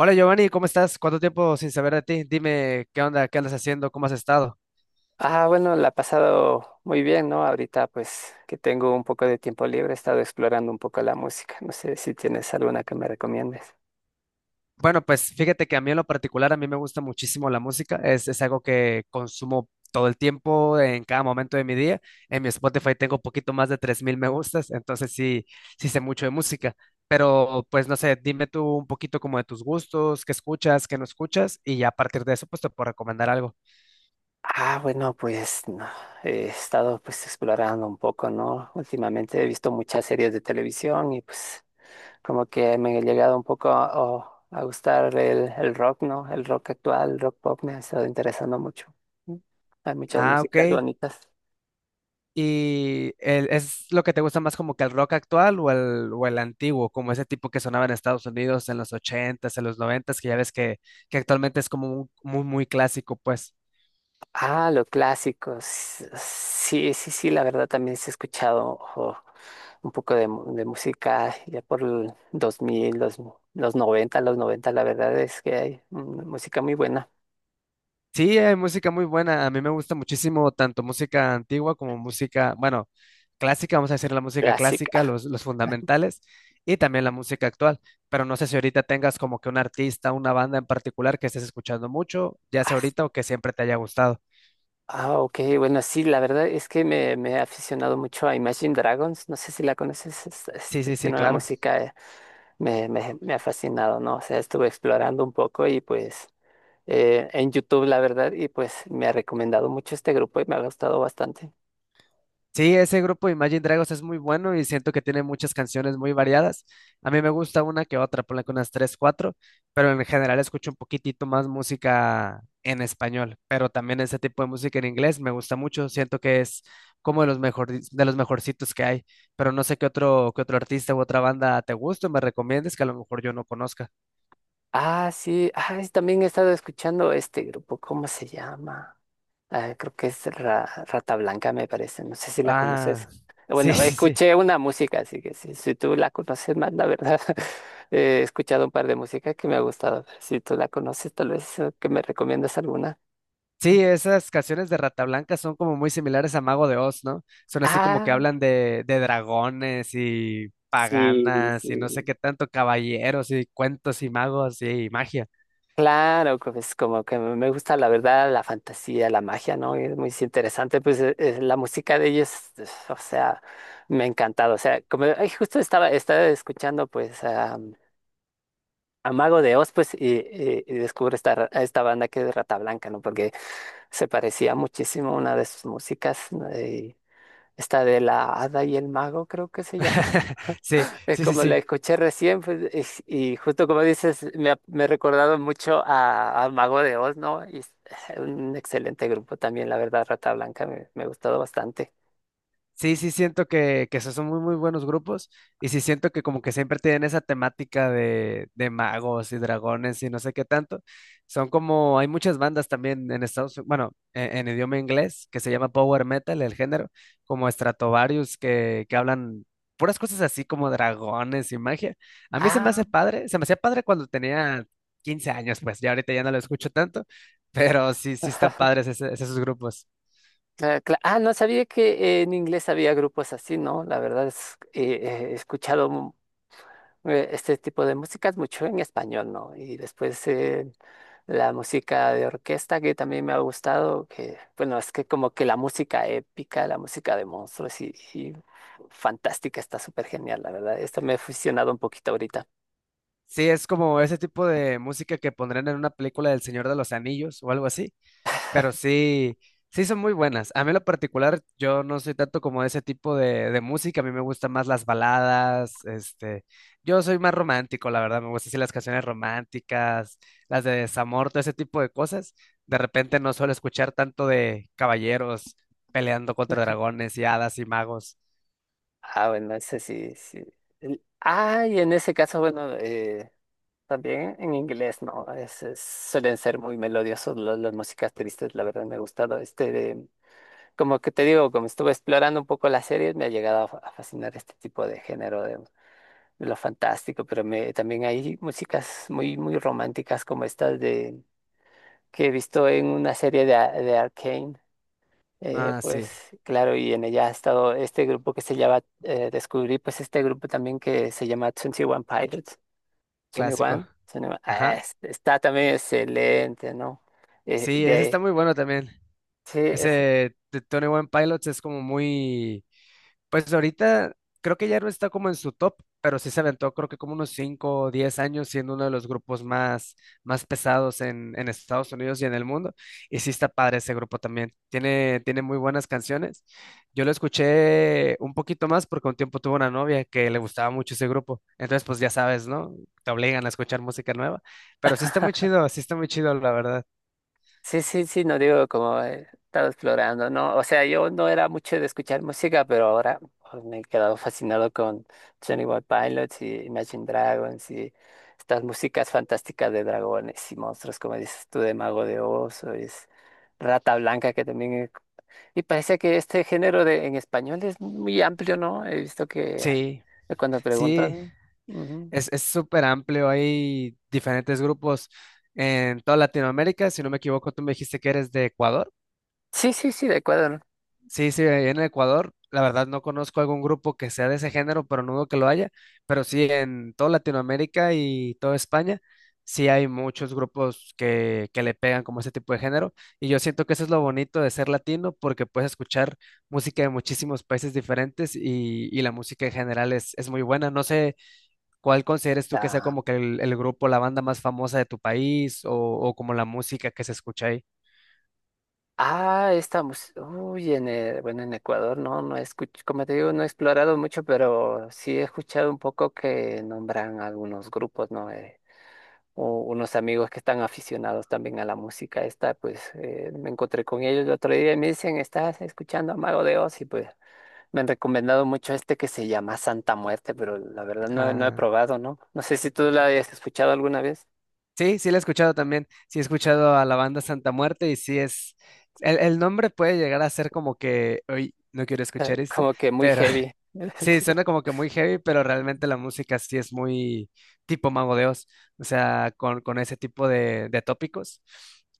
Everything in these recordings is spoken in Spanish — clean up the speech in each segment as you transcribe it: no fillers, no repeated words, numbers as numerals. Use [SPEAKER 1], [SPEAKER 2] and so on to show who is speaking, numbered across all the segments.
[SPEAKER 1] Hola Giovanni, ¿cómo estás? ¿Cuánto tiempo sin saber de ti? Dime, ¿qué onda? ¿Qué andas haciendo? ¿Cómo has estado?
[SPEAKER 2] Ah, bueno, la he pasado muy bien, ¿no? Ahorita pues que tengo un poco de tiempo libre, he estado explorando un poco la música. No sé si tienes alguna que me recomiendes.
[SPEAKER 1] Bueno, pues fíjate que a mí en lo particular, a mí me gusta muchísimo la música. Es algo que consumo todo el tiempo, en cada momento de mi día. En mi Spotify tengo un poquito más de 3000 me gustas, entonces sí, sí sé mucho de música. Pero pues no sé, dime tú un poquito como de tus gustos, qué escuchas, qué no escuchas, y ya a partir de eso pues te puedo recomendar algo.
[SPEAKER 2] Ah, bueno, pues no, he estado pues explorando un poco, ¿no? Últimamente he visto muchas series de televisión y pues como que me ha llegado un poco a gustar el rock, ¿no? El rock actual, el rock pop me ha estado interesando mucho. Mm. Hay muchas
[SPEAKER 1] Ah, ok.
[SPEAKER 2] músicas bonitas.
[SPEAKER 1] ¿Y el- es lo que te gusta más como que el rock actual o el antiguo, como ese tipo que sonaba en Estados Unidos en los ochentas en los noventas que ya ves que actualmente es como un- muy, muy clásico, pues?
[SPEAKER 2] Ah, lo clásico. Sí, sí, sí, la verdad también se ha escuchado ojo, un poco de música ya por el 2000, los 90, los 90, la verdad es que hay música muy buena,
[SPEAKER 1] Sí, hay música muy buena. A mí me gusta muchísimo tanto música antigua como música, bueno, clásica, vamos a decir la música clásica,
[SPEAKER 2] clásica.
[SPEAKER 1] los fundamentales, y también la música actual. Pero no sé si ahorita tengas como que un artista, una banda en particular que estés escuchando mucho, ya sea
[SPEAKER 2] Ah,
[SPEAKER 1] ahorita o que siempre te haya gustado.
[SPEAKER 2] ah, ok, bueno, sí, la verdad es que me he aficionado mucho a Imagine Dragons, no sé si la conoces,
[SPEAKER 1] Sí, sí, sí,
[SPEAKER 2] tiene una
[SPEAKER 1] claro.
[SPEAKER 2] música. Me ha fascinado, ¿no? O sea, estuve explorando un poco y pues en YouTube, la verdad, y pues me ha recomendado mucho este grupo y me ha gustado bastante.
[SPEAKER 1] Sí, ese grupo Imagine Dragons es muy bueno y siento que tiene muchas canciones muy variadas. A mí me gusta una que otra, ponle que unas tres, cuatro, pero en general escucho un poquitito más música en español, pero también ese tipo de música en inglés me gusta mucho, siento que es como de los mejor, de los mejorcitos que hay, pero no sé qué otro artista u otra banda te gusta o me recomiendes que a lo mejor yo no conozca.
[SPEAKER 2] Ah, sí, ah, también he estado escuchando este grupo, ¿cómo se llama? Ah, creo que es Rata Blanca, me parece, no sé si la conoces.
[SPEAKER 1] Ah, sí,
[SPEAKER 2] Bueno,
[SPEAKER 1] sí, sí.
[SPEAKER 2] escuché una música, así que si tú la conoces más, la verdad, he escuchado un par de músicas que me ha gustado. Si tú la conoces, tal vez que me recomiendas alguna.
[SPEAKER 1] Sí, esas canciones de Rata Blanca son como muy similares a Mago de Oz, ¿no? Son así como que
[SPEAKER 2] Ah,
[SPEAKER 1] hablan de dragones y
[SPEAKER 2] sí,
[SPEAKER 1] paganas y no sé
[SPEAKER 2] sí.
[SPEAKER 1] qué tanto, caballeros y cuentos y magos y magia.
[SPEAKER 2] Claro, pues como que me gusta la verdad, la fantasía, la magia, ¿no? Es muy interesante, pues la música de ellos. eh, o sea, me ha encantado, o sea, como ay, justo estaba escuchando pues a Mago de Oz, pues, y descubro a esta banda que es Rata Blanca, ¿no? Porque se parecía muchísimo a una de sus músicas, ¿no? Y esta de la Hada y el Mago, creo que se llama.
[SPEAKER 1] Sí,
[SPEAKER 2] Es
[SPEAKER 1] sí, sí,
[SPEAKER 2] como la
[SPEAKER 1] sí.
[SPEAKER 2] escuché recién, pues, y justo como dices, me ha recordado mucho a Mago de Oz, ¿no? Y es un excelente grupo también, la verdad, Rata Blanca, me ha gustado bastante.
[SPEAKER 1] Sí, sí siento que esos son muy, muy buenos grupos y sí siento que como que siempre tienen esa temática de magos y dragones y no sé qué tanto. Son como, hay muchas bandas también en Estados Unidos, bueno, en idioma inglés que se llama power metal, el género, como Stratovarius que hablan puras cosas así como dragones y magia. A mí se me
[SPEAKER 2] Ah,
[SPEAKER 1] hace padre, se me hacía padre cuando tenía 15 años, pues ya ahorita ya no lo escucho tanto, pero sí, sí están padres ese- esos grupos.
[SPEAKER 2] no sabía que en inglés había grupos así, ¿no? La verdad, he escuchado. Este tipo de músicas mucho en español, ¿no? Y después la música de orquesta que también me ha gustado, que bueno, es que como que la música épica, la música de monstruos y fantástica está súper genial, la verdad. Esto me he fusionado un poquito ahorita.
[SPEAKER 1] Sí, es como ese tipo de música que pondrían en una película del Señor de los Anillos o algo así, pero sí, sí son muy buenas. A mí en lo particular, yo no soy tanto como de ese tipo de música, a mí me gustan más las baladas, este, yo soy más romántico, la verdad, me gustan así las canciones románticas, las de desamor, todo ese tipo de cosas. De repente no suelo escuchar tanto de caballeros peleando contra dragones y hadas y magos.
[SPEAKER 2] Ah, bueno, ese sí sí Ah, y en ese caso, bueno, también en inglés, ¿no? Suelen ser muy melodiosos las músicas tristes, la verdad me ha gustado. Este de Como que te digo, como estuve explorando un poco las series, me ha llegado a fascinar este tipo de género de lo fantástico, pero también hay músicas muy, muy románticas como estas que he visto en una serie de Arcane.
[SPEAKER 1] Ah, sí,
[SPEAKER 2] Pues claro, y en ella ha estado este grupo que se llama, descubrí pues este grupo también que se llama twenty One Pilots, 21,
[SPEAKER 1] clásico.
[SPEAKER 2] One twenty one,
[SPEAKER 1] Ajá.
[SPEAKER 2] está también excelente, ¿no? Eh,
[SPEAKER 1] Sí, ese está
[SPEAKER 2] de,
[SPEAKER 1] muy bueno también.
[SPEAKER 2] sí,
[SPEAKER 1] Ese de Tony One Pilots es como muy, pues ahorita creo que ya no está como en su top, pero sí se aventó creo que como unos 5 o 10 años siendo uno de los grupos más, más pesados en Estados Unidos y en el mundo. Y sí está padre ese grupo también. Tiene muy buenas canciones. Yo lo escuché un poquito más porque un tiempo tuve una novia que le gustaba mucho ese grupo. Entonces, pues ya sabes, ¿no? Te obligan a escuchar música nueva. Pero sí está muy chido, sí está muy chido, la verdad.
[SPEAKER 2] Sí, sí, sí, no digo como estaba explorando, ¿no? O sea, yo no era mucho de escuchar música, pero ahora pues, me he quedado fascinado con Johnny One Pilots y Imagine Dragons y estas músicas fantásticas de dragones y monstruos, como dices tú, de Mago de Oz, o es Rata Blanca, que también. Y parece que este género en español es muy amplio, ¿no? He visto que,
[SPEAKER 1] Sí,
[SPEAKER 2] que cuando
[SPEAKER 1] sí,
[SPEAKER 2] preguntan. Ujú.
[SPEAKER 1] es súper amplio, hay diferentes grupos en toda Latinoamérica. Si no me equivoco, tú me dijiste que eres de Ecuador.
[SPEAKER 2] Sí, sí, sí, de acuerdo, ¿no?
[SPEAKER 1] Sí, sí, ahí en Ecuador. La verdad no conozco algún grupo que sea de ese género, pero no dudo que lo haya. Pero sí, en toda Latinoamérica y toda España, sí hay muchos grupos que le pegan como ese tipo de género. Y yo siento que eso es lo bonito de ser latino, porque puedes escuchar música de muchísimos países diferentes y la música en general es muy buena. No sé. ¿Cuál consideras tú que sea
[SPEAKER 2] Ah.
[SPEAKER 1] como que el grupo, la banda más famosa de tu país o como la música que se escucha ahí?
[SPEAKER 2] Ah, esta música. Uy, bueno, en Ecuador no como te digo, no he explorado mucho, pero sí he escuchado un poco que nombran algunos grupos, ¿no? Unos amigos que están aficionados también a la música esta, pues me encontré con ellos el otro día y me dicen, ¿estás escuchando a Mago de Oz? Y pues me han recomendado mucho este que se llama Santa Muerte, pero la verdad no, no he
[SPEAKER 1] Ah,
[SPEAKER 2] probado, ¿no? No sé si tú la hayas escuchado alguna vez,
[SPEAKER 1] sí, sí la he escuchado también. Sí he escuchado a la banda Santa Muerte y sí es... El nombre puede llegar a ser como que, hoy no quiero escuchar esto,
[SPEAKER 2] como que muy
[SPEAKER 1] pero
[SPEAKER 2] heavy.
[SPEAKER 1] sí, suena como que muy heavy, pero realmente la música sí es muy tipo Mago de Oz, o sea, con ese tipo de tópicos.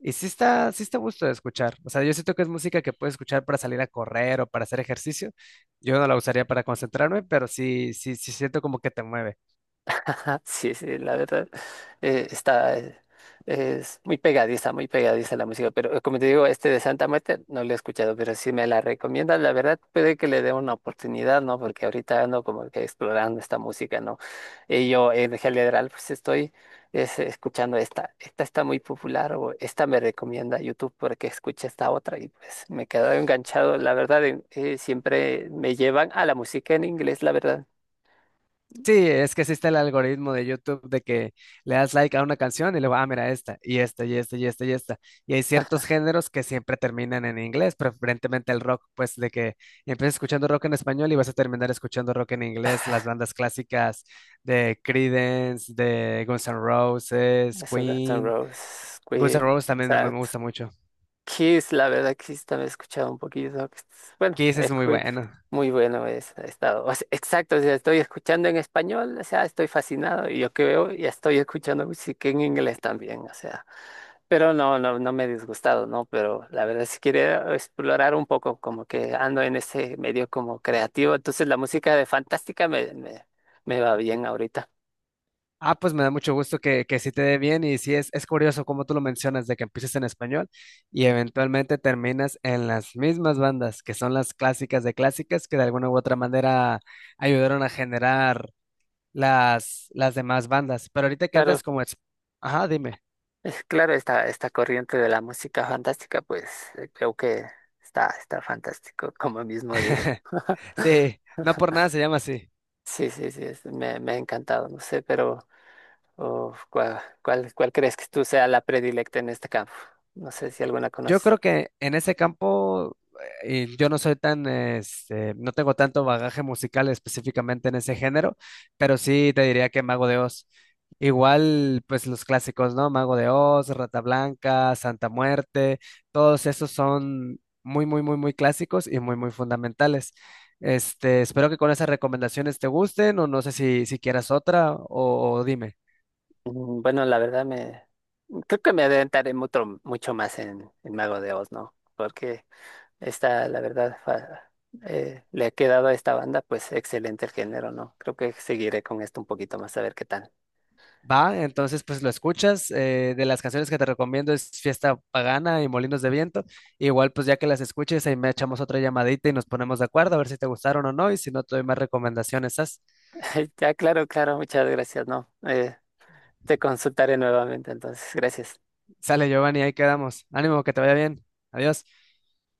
[SPEAKER 1] Y sí está a gusto de escuchar. O sea, yo siento que es música que puedes escuchar para salir a correr o para hacer ejercicio. Yo no la usaría para concentrarme, pero sí, sí, sí siento como que te mueve.
[SPEAKER 2] Sí, sí, la verdad, eh, está, eh, es muy pegadiza la música, pero como te digo, este de Santa Muerte no lo he escuchado, pero si me la recomiendas, la verdad, puede que le dé una oportunidad, ¿no? Porque ahorita ando como que explorando esta música, ¿no? Y yo en general, pues estoy escuchando esta, esta está muy popular o esta me recomienda YouTube porque escuché esta otra y pues me he quedado enganchado, la verdad, siempre me llevan a la música en inglés, la verdad.
[SPEAKER 1] Sí, es que existe el algoritmo de YouTube de que le das like a una canción y luego, ah, mira, esta, y esta, y esta, y esta, y esta. Y hay ciertos géneros que siempre terminan en inglés, preferentemente el rock, pues de que empiezas escuchando rock en español y vas a terminar escuchando rock en inglés, las bandas clásicas de Creedence, de Guns N' Roses,
[SPEAKER 2] Eso, Guns N'
[SPEAKER 1] Queen.
[SPEAKER 2] Roses,
[SPEAKER 1] Guns N'
[SPEAKER 2] Queen,
[SPEAKER 1] Roses también me
[SPEAKER 2] exacto.
[SPEAKER 1] gusta mucho.
[SPEAKER 2] Kiss, la verdad, Kiss también he escuchado un poquito. Bueno,
[SPEAKER 1] Kiss es muy bueno.
[SPEAKER 2] muy bueno es, ha estado. O sea, exacto, o sea, estoy escuchando en español, o sea, estoy fascinado. Y yo que veo, ya estoy escuchando música en inglés también, o sea. Pero no, no, no me he disgustado, ¿no? Pero la verdad, si quiero explorar un poco, como que ando en ese medio como creativo, entonces la música de Fantástica me va bien ahorita.
[SPEAKER 1] Ah, pues me da mucho gusto que sí te dé bien y sí es curioso como tú lo mencionas de que empieces en español y eventualmente terminas en las mismas bandas que son las clásicas de clásicas que de alguna u otra manera ayudaron a generar las demás bandas. Pero ahorita que
[SPEAKER 2] Claro,
[SPEAKER 1] andas como... ex- Ajá, dime.
[SPEAKER 2] Es claro, esta corriente de la música fantástica, pues creo que está fantástico, como mismo digo.
[SPEAKER 1] Sí, no por nada se llama así.
[SPEAKER 2] Sí, sí, sí, me ha encantado, no sé, pero oh, ¿cuál crees que tú sea la predilecta en este campo? No sé si alguna
[SPEAKER 1] Yo
[SPEAKER 2] conoces.
[SPEAKER 1] creo que en ese campo yo no soy tan, este, no tengo tanto bagaje musical específicamente en ese género, pero sí te diría que Mago de Oz. Igual, pues los clásicos, ¿no? Mago de Oz, Rata Blanca, Santa Muerte, todos esos son muy, muy, muy, muy clásicos y muy, muy fundamentales. Este, espero que con esas recomendaciones te gusten o no sé si, si quieras otra o dime.
[SPEAKER 2] Bueno, la verdad me creo que me adentraré mucho, mucho más en Mago de Oz, ¿no? Porque esta, la verdad, le ha quedado a esta banda, pues excelente el género, ¿no? Creo que seguiré con esto un poquito más a ver qué tal.
[SPEAKER 1] Va, entonces pues lo escuchas. De las canciones que te recomiendo es Fiesta Pagana y Molinos de Viento. Igual pues ya que las escuches ahí me echamos otra llamadita y nos ponemos de acuerdo a ver si te gustaron o no y si no te doy más recomendaciones. Sas.
[SPEAKER 2] Ya, claro, claro, muchas gracias, ¿no? Te consultaré nuevamente, entonces, gracias.
[SPEAKER 1] Sale Giovanni, ahí quedamos. Ánimo, que te vaya bien. Adiós.